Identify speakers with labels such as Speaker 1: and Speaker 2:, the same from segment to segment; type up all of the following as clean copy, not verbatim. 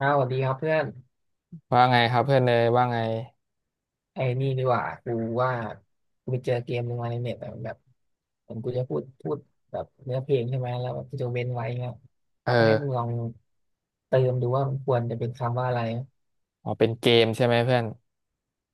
Speaker 1: อ้าวสวัสดีครับเพื่อน
Speaker 2: ว่าไงครับเพื่อนเนยว่าไง
Speaker 1: ไอ้นี่ดีกว่ากูว่ากูไปเจอเกมหนึ่งมาในเน็ตอะแบบเหมือนกูจะพูดแบบเนื้อเพลงใช่ไหมแล้วแบบกูจะเว้นไว้เงี้ย
Speaker 2: เอ
Speaker 1: แล้ว
Speaker 2: อ
Speaker 1: ให้มึงลองเติมดูว่ามันควรจะเป็นคำว่าอะไร
Speaker 2: อ๋อเป็นเกมใช่ไหมเพื่อน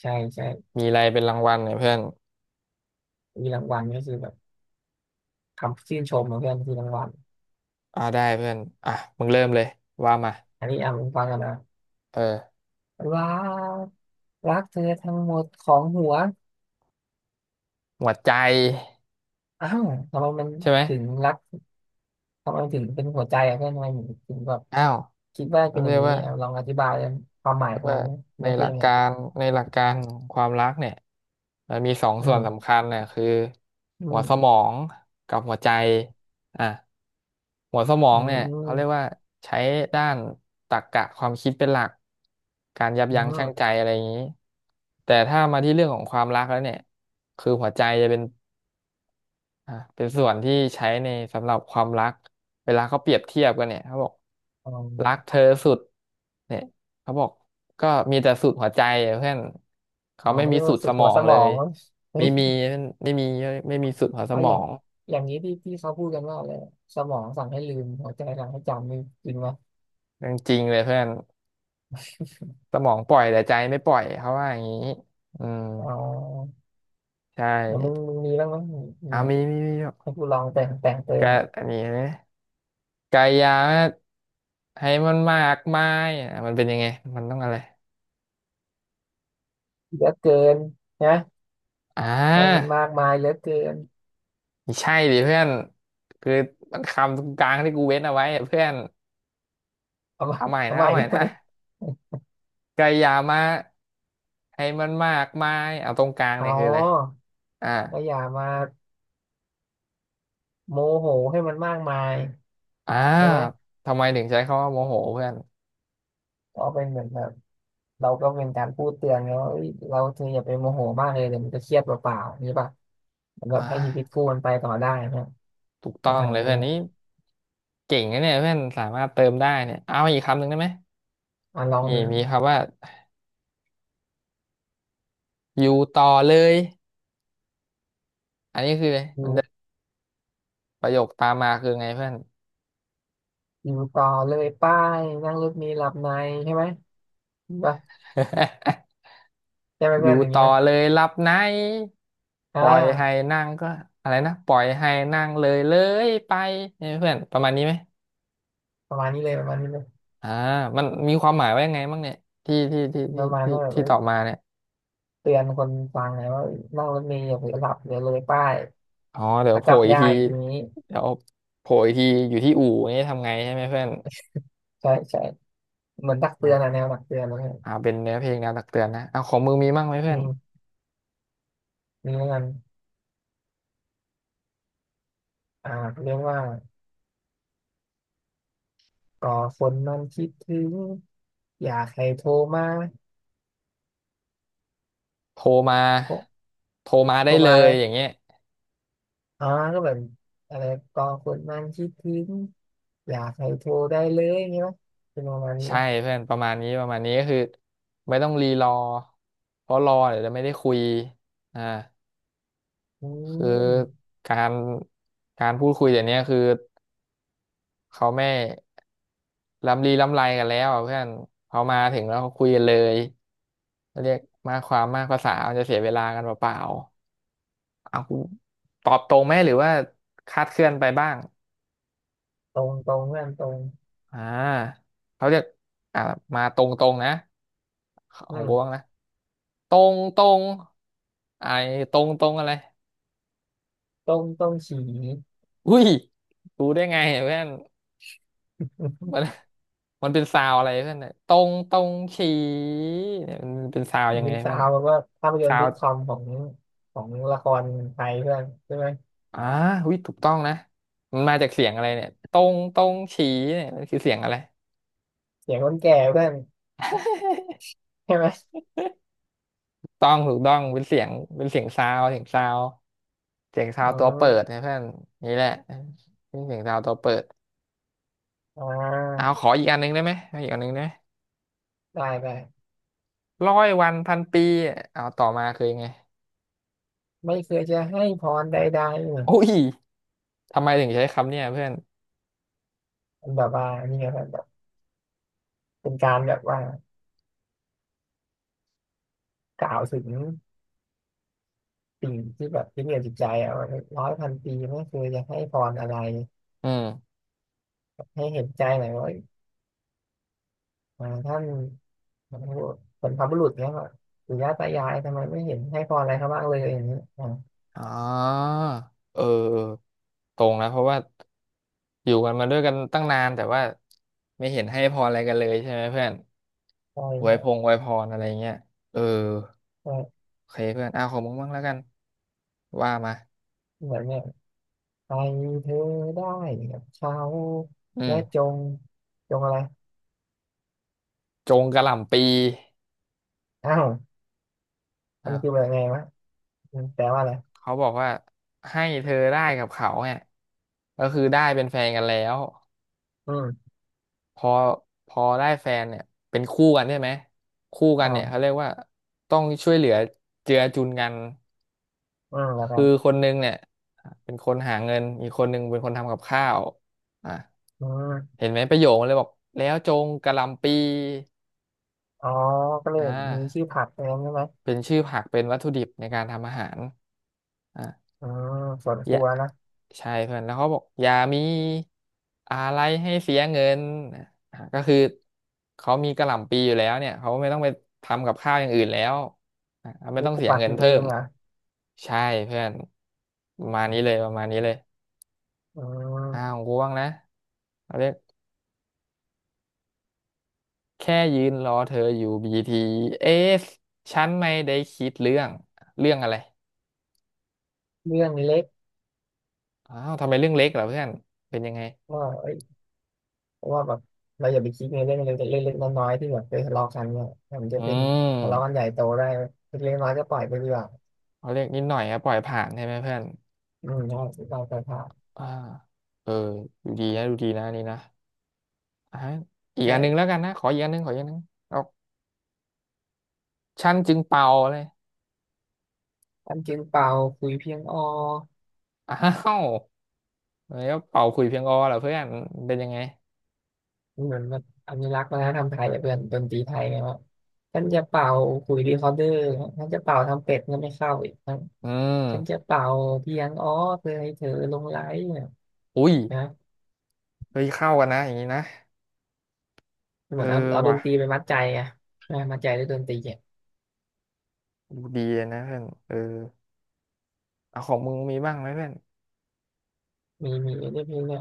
Speaker 1: ใช่ใช่
Speaker 2: มีอะไรเป็นรางวัลเนี่ยเพื่อน
Speaker 1: มีรางวัลก็คือแบบคำชื่นชมของเพื่อนคือรางวัล
Speaker 2: อ่าได้เพื่อนอ่ะมึงเริ่มเลยว่ามา
Speaker 1: อันนี้อ่ะมึงฟังกันนะ
Speaker 2: เออ
Speaker 1: รักรักเธอทั้งหมดของหัว
Speaker 2: หมวดใจ
Speaker 1: อ้าวทำไมมัน
Speaker 2: ใช่ไหม
Speaker 1: ถึงรัก ทำไมถึงเป็นหัวใจอะเพื่อนทำไมถึงแบบ
Speaker 2: อ้าว
Speaker 1: คิดว่า
Speaker 2: เขา
Speaker 1: เป็นอ
Speaker 2: เรี
Speaker 1: ย่า
Speaker 2: ย
Speaker 1: ง
Speaker 2: ก
Speaker 1: นี้
Speaker 2: ว่า
Speaker 1: อ่ะลองอธิบายความหมายของ
Speaker 2: ว่า
Speaker 1: มันใน
Speaker 2: ใน
Speaker 1: เพ
Speaker 2: ห
Speaker 1: ล
Speaker 2: ลั
Speaker 1: ง
Speaker 2: ก
Speaker 1: เนี่ย
Speaker 2: การในหลักการของความรักเนี่ยมันมีสอง
Speaker 1: อื
Speaker 2: ส่วนสำ
Speaker 1: ม
Speaker 2: คัญเนี่ยคือ
Speaker 1: อื
Speaker 2: หัวสม
Speaker 1: ม
Speaker 2: องกับหัวใจอ่ะหัวสมอ
Speaker 1: อื
Speaker 2: งเนี่ยเขาเรียก
Speaker 1: ม
Speaker 2: ว่าใช้ด้านตรรกะความคิดเป็นหลักการยับ
Speaker 1: อืม
Speaker 2: ยั้ง
Speaker 1: อ
Speaker 2: ชั่งใจ
Speaker 1: ม
Speaker 2: อะไรอย่างนี้แต่ถ้ามาที่เรื่องของความรักแล้วเนี่ยคือหัวใจจะเป็น อ่ะเป็นส่วนที่ใช้ในสำหรับความรัก เวลาเขาเปรียบเทียบกันเนี่ยเขาบอก
Speaker 1: อ๋อ
Speaker 2: รักเธอสุดเนี่ยเขาบอกก็มีแต่สุดหัวใจอะเพื่อนเขา
Speaker 1: อ๋อ
Speaker 2: ไม่
Speaker 1: ไม่
Speaker 2: มี
Speaker 1: ได้
Speaker 2: สุ
Speaker 1: ว่า
Speaker 2: ด
Speaker 1: สุ
Speaker 2: ส
Speaker 1: ด
Speaker 2: ม
Speaker 1: หั
Speaker 2: อ
Speaker 1: ว
Speaker 2: ง
Speaker 1: สม
Speaker 2: เล
Speaker 1: อ
Speaker 2: ย
Speaker 1: งมั้ง
Speaker 2: ไม่มี ไม่มีสุดหัวส
Speaker 1: เอา
Speaker 2: ม
Speaker 1: อ
Speaker 2: อ
Speaker 1: ย่าง
Speaker 2: ง
Speaker 1: อย่างนี้ที่ที่เขาพูดกันว่าอะไรสมองสั่งให้ลืมหัวใจสั่งให้จำนี่จริงไหม
Speaker 2: เรื่องจริงเลยเพื่อนสมองปล่อยแต่ใจไม่ปล่อยเขาว่าอย่างนี้อืม
Speaker 1: อ๋อ
Speaker 2: ใช่
Speaker 1: แล้วมึงมีบ้างไหมมีมี
Speaker 2: เอา
Speaker 1: แบบ
Speaker 2: มี
Speaker 1: ให้กูลองแต่งเติม
Speaker 2: กะ
Speaker 1: อ่ะ
Speaker 2: อันนี้นะกายาให้มันมากมายอ่ะมันเป็นยังไงมันต้องอะไร
Speaker 1: เหลือเกินนะ
Speaker 2: อ่
Speaker 1: ให้มัน
Speaker 2: า
Speaker 1: มากมายเหลือเกิน
Speaker 2: ไม่ใช่ดิเพื่อนคือมันคำตรงกลางที่กูเว้นเอาไว้อะเพื่อน
Speaker 1: เอามาเอาใหม่
Speaker 2: เอาใหม่
Speaker 1: ได้ไหม
Speaker 2: นะกายามาให้มันมากมายเอาตรงกลาง
Speaker 1: อ๋อ
Speaker 2: เนี่ยคืออะไรอ่า
Speaker 1: ก็อย่ามา โมโหให้มันมากมาย
Speaker 2: อ่า
Speaker 1: ใช่ไหม
Speaker 2: ทำไมถึงใช้คำว่าโมโหเพื่อน
Speaker 1: ก็เป็นเหมือนแบบเราก็เป็นการพูดเตือนเขาว่าเอ้ยเราเธออย่าไปโมโหมากเลยเดี๋ยวมันจะเครียดเปล่าๆนี่ป่ะเหมือนแบบ
Speaker 2: อ่า
Speaker 1: ให้ชีวิตคู่มันไปต่อได้นะ
Speaker 2: ถูกต้
Speaker 1: ไม่
Speaker 2: อง
Speaker 1: หาย
Speaker 2: เล
Speaker 1: อะ
Speaker 2: ย
Speaker 1: ไร
Speaker 2: เพื่อน
Speaker 1: เงี้ย
Speaker 2: นี้เก่งนะเนี่ยเพื่อนสามารถเติมได้เนี่ยเอาอีกคำหนึ่งได้ไหม
Speaker 1: อ่ะลองดู
Speaker 2: มีคำว่าอยู่ต่อเลยอันนี้คืออะไร
Speaker 1: อยู่
Speaker 2: มันจะประโยคตามมาคือไงเพื่อน
Speaker 1: อยู่ต่อเลยป้ายนั่งรถมีหลับในใช่ไหมนี่ป่ะ ใช่ไหม
Speaker 2: อ
Speaker 1: เพื่อน
Speaker 2: ยู่
Speaker 1: อย่าง
Speaker 2: ต่
Speaker 1: นี้
Speaker 2: อ
Speaker 1: ไหม
Speaker 2: เลยรับไหนป
Speaker 1: อ่
Speaker 2: ล่อยให้
Speaker 1: า
Speaker 2: นั่งก็อะไรนะปล่อยให้นั่งเลยเลยไปเนี่ยเพื่อนประมาณนี้ไหม
Speaker 1: ประมาณนี้เลยประมาณนี้เลย
Speaker 2: อ่ามันมีความหมายว่ายังไงบ้างเนี่ย
Speaker 1: ประมาณว่าแบบ
Speaker 2: ที่
Speaker 1: เอ้
Speaker 2: ต
Speaker 1: ย
Speaker 2: อบมาเนี่ย
Speaker 1: เตือนคนฟังไงว่าเอ้ยนั่งรถเมล์อย่าเผลอหลับเดี๋ยวเลยป้าย
Speaker 2: อ๋อเดี๋ย
Speaker 1: แล้
Speaker 2: ว
Speaker 1: ว
Speaker 2: โผ
Speaker 1: ก
Speaker 2: ล่
Speaker 1: ลับ
Speaker 2: อีก
Speaker 1: ยาก
Speaker 2: ที
Speaker 1: อีกทีนี้
Speaker 2: เดี๋ยวโผล่อีกทีอยู่ที่อู่นี่ทำไงใช่ไหมเพื่อน
Speaker 1: ใช่ใช่เหมือนตักเตือนอะแน
Speaker 2: อ่า
Speaker 1: วตักเตือนอะไรเงี้ย
Speaker 2: อ่าเป็นเนื้อเพลงแนวตักเตือนนะเอาของมึงมีมั่งไหม
Speaker 1: อื
Speaker 2: เพื่อน
Speaker 1: ม นี่แล้กันอ่าเรียกว่าก่อคนมันคิดถึงอยากให้โทรมา
Speaker 2: โทรมา
Speaker 1: โทร
Speaker 2: โทรมา
Speaker 1: โท
Speaker 2: ได้
Speaker 1: ร
Speaker 2: เล
Speaker 1: มา
Speaker 2: ย
Speaker 1: เลย
Speaker 2: อย่างเงี้ย
Speaker 1: อ๋อก็แบบอะไรก่อคนมันคิดถึงอยากให้โทรได้เลยอย่างงี้ไหมเป็นประมาณนี้ไหม
Speaker 2: ใช่เพื่อนประมาณนี้ก็คือไม่ต้องรีรอเพราะรอเดี๋ยวจะไม่ได้คุยอ่า
Speaker 1: อื
Speaker 2: คือ
Speaker 1: ม
Speaker 2: การการพูดคุยเดี๋ยวนี้คือเขาไม่ล้ำลีล้ำไรกันแล้วอะเพื่อนเขามาถึงแล้วเขาคุยกันเลยเรียกมากความมากภาษามันจะเสียเวลากันเปล่าๆเอาคุณตอบตรงไหมหรือว่าคาดเคลื่อนไปบ้าง
Speaker 1: ตรงเพื่อนตรง
Speaker 2: อ่าเขาจะอ่ามาตรงๆนะของ
Speaker 1: อื
Speaker 2: กูบ้า
Speaker 1: ม
Speaker 2: งนะ ตรงไอ้ตรงอะไร
Speaker 1: ตรงตรงฉี
Speaker 2: อุ้ยรู้ได้ไงเพื่อนมัน มันเป็นซาวอะไรเพื่อนเนี่ยตรงตรงฉีเนี่ยมันเป็นซาวยังไง
Speaker 1: เป็นสา
Speaker 2: เพื่อน
Speaker 1: วแบบว่าภาพยนต
Speaker 2: ซา
Speaker 1: ร์ซิ
Speaker 2: ว
Speaker 1: ทคอมของของละครไทยเพื่อนใช่ไหม
Speaker 2: อ่าอุ้ยถูกต้องนะมันมาจากเสียงอะไรเนี่ยตรงตรงฉีเนี่ยมันคือเสียงอะไร
Speaker 1: เสียงคนแก่เพื่อน ใช่ไหม
Speaker 2: ต้องถูกต้องเป็นเสียงเป็นเสียงซาวเสียงซาว
Speaker 1: อื
Speaker 2: ตัวเปิด
Speaker 1: ม
Speaker 2: นะเพื่อนนี่แหละเป็นเสียงซาวตัวเปิด
Speaker 1: อ่
Speaker 2: เอา
Speaker 1: า
Speaker 2: ขออีกอันหนึ่งได้ไหมขออีกอันหนึ่งได้ไหม
Speaker 1: ได้ได้
Speaker 2: ร้อยวันพันปีเอาต่อมาคือยังไง
Speaker 1: ไม่เคยจะให้พรใดๆเนี่ย
Speaker 2: โอ้ยทำไมถึงใช้คำเนี่ยเพื่อน
Speaker 1: มันแบบว่านี่ไงแบบเป็นการแบบว่ากล่าวถึงสิ่งที่แบบที่เหนือจิตใจอะว่าร้อยพันปีไม่เคยจะให้พรอะไร
Speaker 2: อืม
Speaker 1: ให้เห็นใจหน่อยว่าเอ้ยอ่าท่านเป็นพระบุรุษเนี่ยว่าปู่ย่าตายายทำไมไม่เห็นให้พรอะไรเขาบ้างเลยอย่างนี้อ่า
Speaker 2: อ๋อเออเออตรงนะเพราะว่าอยู่กันมาด้วยกันตั้งนานแต่ว่าไม่เห็นให้พรอะไรกันเลยใช่ไหมเพื่อน
Speaker 1: ใช่
Speaker 2: อ
Speaker 1: ค
Speaker 2: วย
Speaker 1: รั
Speaker 2: พง
Speaker 1: บ
Speaker 2: อวยพรอะไรเงี้ยเออ
Speaker 1: ใช่
Speaker 2: โอเคเพื่อนอ้าวขอมึงบ้างแล้วกันว่ามา
Speaker 1: เหมือนเนี่ยไปเธอได้กับเขา
Speaker 2: อื
Speaker 1: และ
Speaker 2: ม
Speaker 1: จงอะไร
Speaker 2: จงกระหล่ำปี
Speaker 1: อ้าวมั
Speaker 2: อ้า
Speaker 1: น
Speaker 2: ว
Speaker 1: คือแบบไงวะอืมแปลว่าอะไร
Speaker 2: เขาบอกว่าให้เธอได้กับเขาเนี่ยก็คือได้เป็นแฟนกันแล้ว
Speaker 1: อืม
Speaker 2: พอพอได้แฟนเนี่ยเป็นคู่กันใช่ไหมคู่กันเนี่ยเขาเรี
Speaker 1: อ่า
Speaker 2: ยกว่าต้องช่วยเหลือเจือจุนกัน
Speaker 1: อืมแล้วก็
Speaker 2: คือคนหนึงเนี่ยเป็นคนหาเงินอีกคนหนึงเป็นคนทำกับข้าวอ่ะ
Speaker 1: อืม
Speaker 2: เห็นไหมประโยคมันเลยบอกแล้วจงกะหล่ำปี
Speaker 1: อ๋อก็เลย
Speaker 2: อ่า
Speaker 1: มีชื่อผักเองใช่ไหม
Speaker 2: เป็นชื่อผักเป็นวัตถุดิบในการทำอาหารอ่า
Speaker 1: อืมสวน
Speaker 2: อ
Speaker 1: ค
Speaker 2: ย่า
Speaker 1: รัวนะ
Speaker 2: ใช่เพื่อนแล้วเขาบอกอย่ามีอะไรให้เสียเงินอ่ะก็คือเขามีกะหล่ำปีอยู่แล้วเนี่ยเขาไม่ต้องไปทำกับข้าวอย่างอื่นแล้วอ่ะไม่
Speaker 1: นี่
Speaker 2: ต้อง
Speaker 1: ปลูก
Speaker 2: เสีย
Speaker 1: ผัก
Speaker 2: เงิน
Speaker 1: กินเอ
Speaker 2: เพิ่
Speaker 1: ง
Speaker 2: ม
Speaker 1: เหรอ่ะ
Speaker 2: ใช่เพื่อนประมาณนี้เลย
Speaker 1: อื
Speaker 2: อ้าว
Speaker 1: ม
Speaker 2: กูว่างนะเอาเรียกแค่ยืนรอเธออยู่บีทีเอสฉันไม่ได้คิดเรื่องเรื่องอะไร
Speaker 1: เรื่องเล็ก
Speaker 2: อ้าวทำไมเรื่องเล็กเหรอเพื่อนเป็นยังไง
Speaker 1: ก็เอ้ยเพราะว่าแบบเราอย่าไปคิดในเรื่องเล็กๆเล็กๆน้อยๆที่แบบเคยทะเลาะกันเนี่ยมันจะ
Speaker 2: อื
Speaker 1: เป็นทะเลาะกัน
Speaker 2: ม
Speaker 1: ใหญ่โตได้เล็กๆน้อยๆก็ปล่อยไปดีกว่า
Speaker 2: เขาเรียกนิดหน่อยอะปล่อยผ่านใช่ไหมเพื่อน
Speaker 1: อืมใช่เราไปผ่าน
Speaker 2: อ่าเออดูดีนะอันนี่นะอ่ะอีกอันหนึงแล้ว
Speaker 1: ใช่
Speaker 2: กันนะขออีกอันหนึงเอาฉันจึงเป่าเลย
Speaker 1: อันจึงเป่าคุยเพียงอ้อ
Speaker 2: อ้าวแล้วเป่าขลุยเพียงอเหรอเพื่อนเป็นยังไง
Speaker 1: เหมือนแบบอนุรักษ์วัฒนธรรมไทยอะเพื่อนดนตรีไทยไงวาท่านจะเป่าคุยรีคอร์เดอร์ท่านจะเป่าทำเป็ดก็ไม่เข้าอีก
Speaker 2: อืม
Speaker 1: ฉันจะเป่าเพียงอ๋อเพื่อให้เธอหลงไหลเนี่ย
Speaker 2: อุ้ย
Speaker 1: นะ
Speaker 2: เฮ้ยเข้ากันนะอย่างนี้นะ
Speaker 1: เห
Speaker 2: เออ
Speaker 1: มือนเอาด
Speaker 2: ว่ะ
Speaker 1: นตรีไปมัดใจอะนะมัดใจด้วยดนตรีอะ
Speaker 2: ดูดีเลยนะเพื่อนเออเอาของมึงมีบ้างไหมเพื่อน
Speaker 1: มีมีด้วยเพลงเนี่ย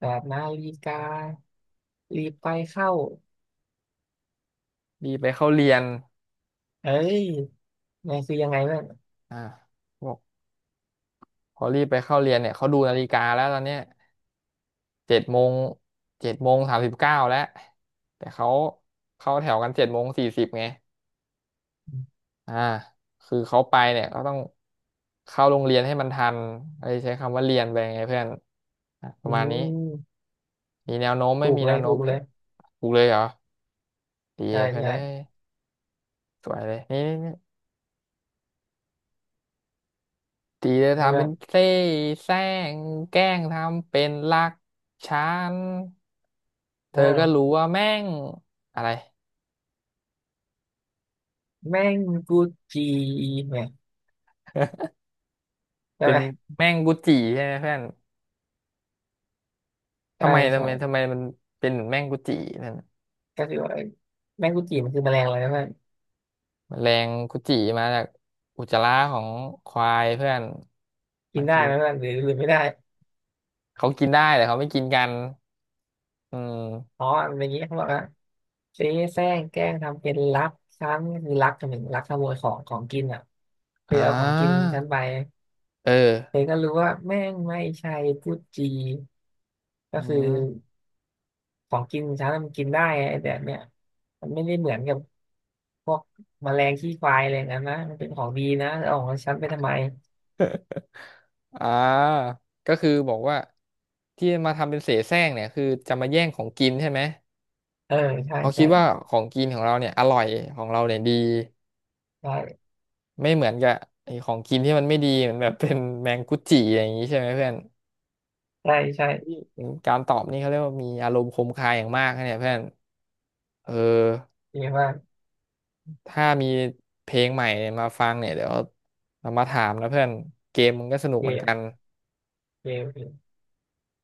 Speaker 1: แบบนาฬิการีบไปเข้า
Speaker 2: รีบไปเข้าเรียน
Speaker 1: เอ้ยนี่คือยังไงบ้าง
Speaker 2: อ่าบอกพอรีบไปเข้าเรียนเนี่ยเขาดูนาฬิกาแล้วตอนเนี้ยเจ็ดโมง7:39แล้วแต่เขาเข้าแถวกัน7:40ไง อ่าคือเขาไปเนี่ยก็ต้องเข้าโรงเรียนให้มันทันอะไรใช้คำว่าเรียนไปไงเพื่อนอ่ะป
Speaker 1: อื
Speaker 2: ระมาณนี้
Speaker 1: ม
Speaker 2: มีแนวโน้มไม่
Speaker 1: ถูก
Speaker 2: มี
Speaker 1: เล
Speaker 2: แน
Speaker 1: ย
Speaker 2: วโน้
Speaker 1: ถู
Speaker 2: ม
Speaker 1: กเล
Speaker 2: เนี่ย
Speaker 1: ย
Speaker 2: ถูกเลยเหรอดี
Speaker 1: ใช่
Speaker 2: เพื่อน
Speaker 1: ใช่
Speaker 2: เอ้ยสวยเลยนี่นี่นี่ตีเลย
Speaker 1: แล้ว
Speaker 2: ทำ
Speaker 1: แบ
Speaker 2: เป็
Speaker 1: บ
Speaker 2: นเซ่แซงแกล้งทำเป็นรักฉันเธอ
Speaker 1: อ้าว
Speaker 2: ก็รู้ว่าแม่งอะไร
Speaker 1: แมงกุจีเนี่ยใช่
Speaker 2: เป็
Speaker 1: ไห
Speaker 2: น
Speaker 1: ม
Speaker 2: แม่งกุจิใช่ไหมเพื่อน
Speaker 1: ใช่ใช่
Speaker 2: ทำไมมันเป็นเหมือนแม่งกุจินั่น
Speaker 1: ก็คือว่าแมงกุจีมันคือแมลงอะไรนะเพื่อน
Speaker 2: แมลงกุจิมาจากอุจจาระของควายเพื่อน
Speaker 1: กิ
Speaker 2: มา
Speaker 1: นได้
Speaker 2: กิน
Speaker 1: ไหมเพื่อนหรือไม่ได้
Speaker 2: เขากินได้แต่เขาไม่กินกันอืม
Speaker 1: อ๋อมันเป็นอย่างนี้เขาบอกว่า เจ๊แซงแกล้งทำเป็นรักช้าคือรักจนถึงรักขโมยของกินอ่ะเธอ
Speaker 2: อ่า
Speaker 1: เอาของกินฉันไป
Speaker 2: เออ
Speaker 1: เธอก็รู้ว่าแม่งไม่ใช่พูดจี
Speaker 2: อื
Speaker 1: ก็คือ
Speaker 2: ม
Speaker 1: ของกินฉันน่ะมันกินได้ไงไอ้แต่เนี่ยมันไม่ได้เหมือนกับพวกแมลงขี้ควายอะไรอย่างนั้นนะมันเป็นของดีนะเอาของฉันไปทำไม
Speaker 2: อ่าก็คือบอกว่าที่มาทำเป็นเสแสร้งเนี่ยคือจะมาแย่งของกินใช่ไหม
Speaker 1: เออใช่
Speaker 2: เขาคิ
Speaker 1: ใช่
Speaker 2: ดว่าของกินของเราเนี่ยอร่อยของเราเนี่ยดี
Speaker 1: ใช่
Speaker 2: ไม่เหมือนกับไอ้ของกินที่มันไม่ดีเหมือนแบบ เป็นแมงกุจิอย่างนี้ใช่ไหมเพื่อน
Speaker 1: ใช่ใช่
Speaker 2: การตอบนี่เขาเรียกว่ามีอารมณ์คมคายอย่างมากนะเนี่ยเพื่อนเออ
Speaker 1: เจ๊ว่าก
Speaker 2: ถ้ามีเพลงใหม่มาฟังเนี่ยเดี๋ยวเรามาถามนะเพื่อนเกมมึงก็สนุกเหมือนกัน
Speaker 1: เจ๊เจ๊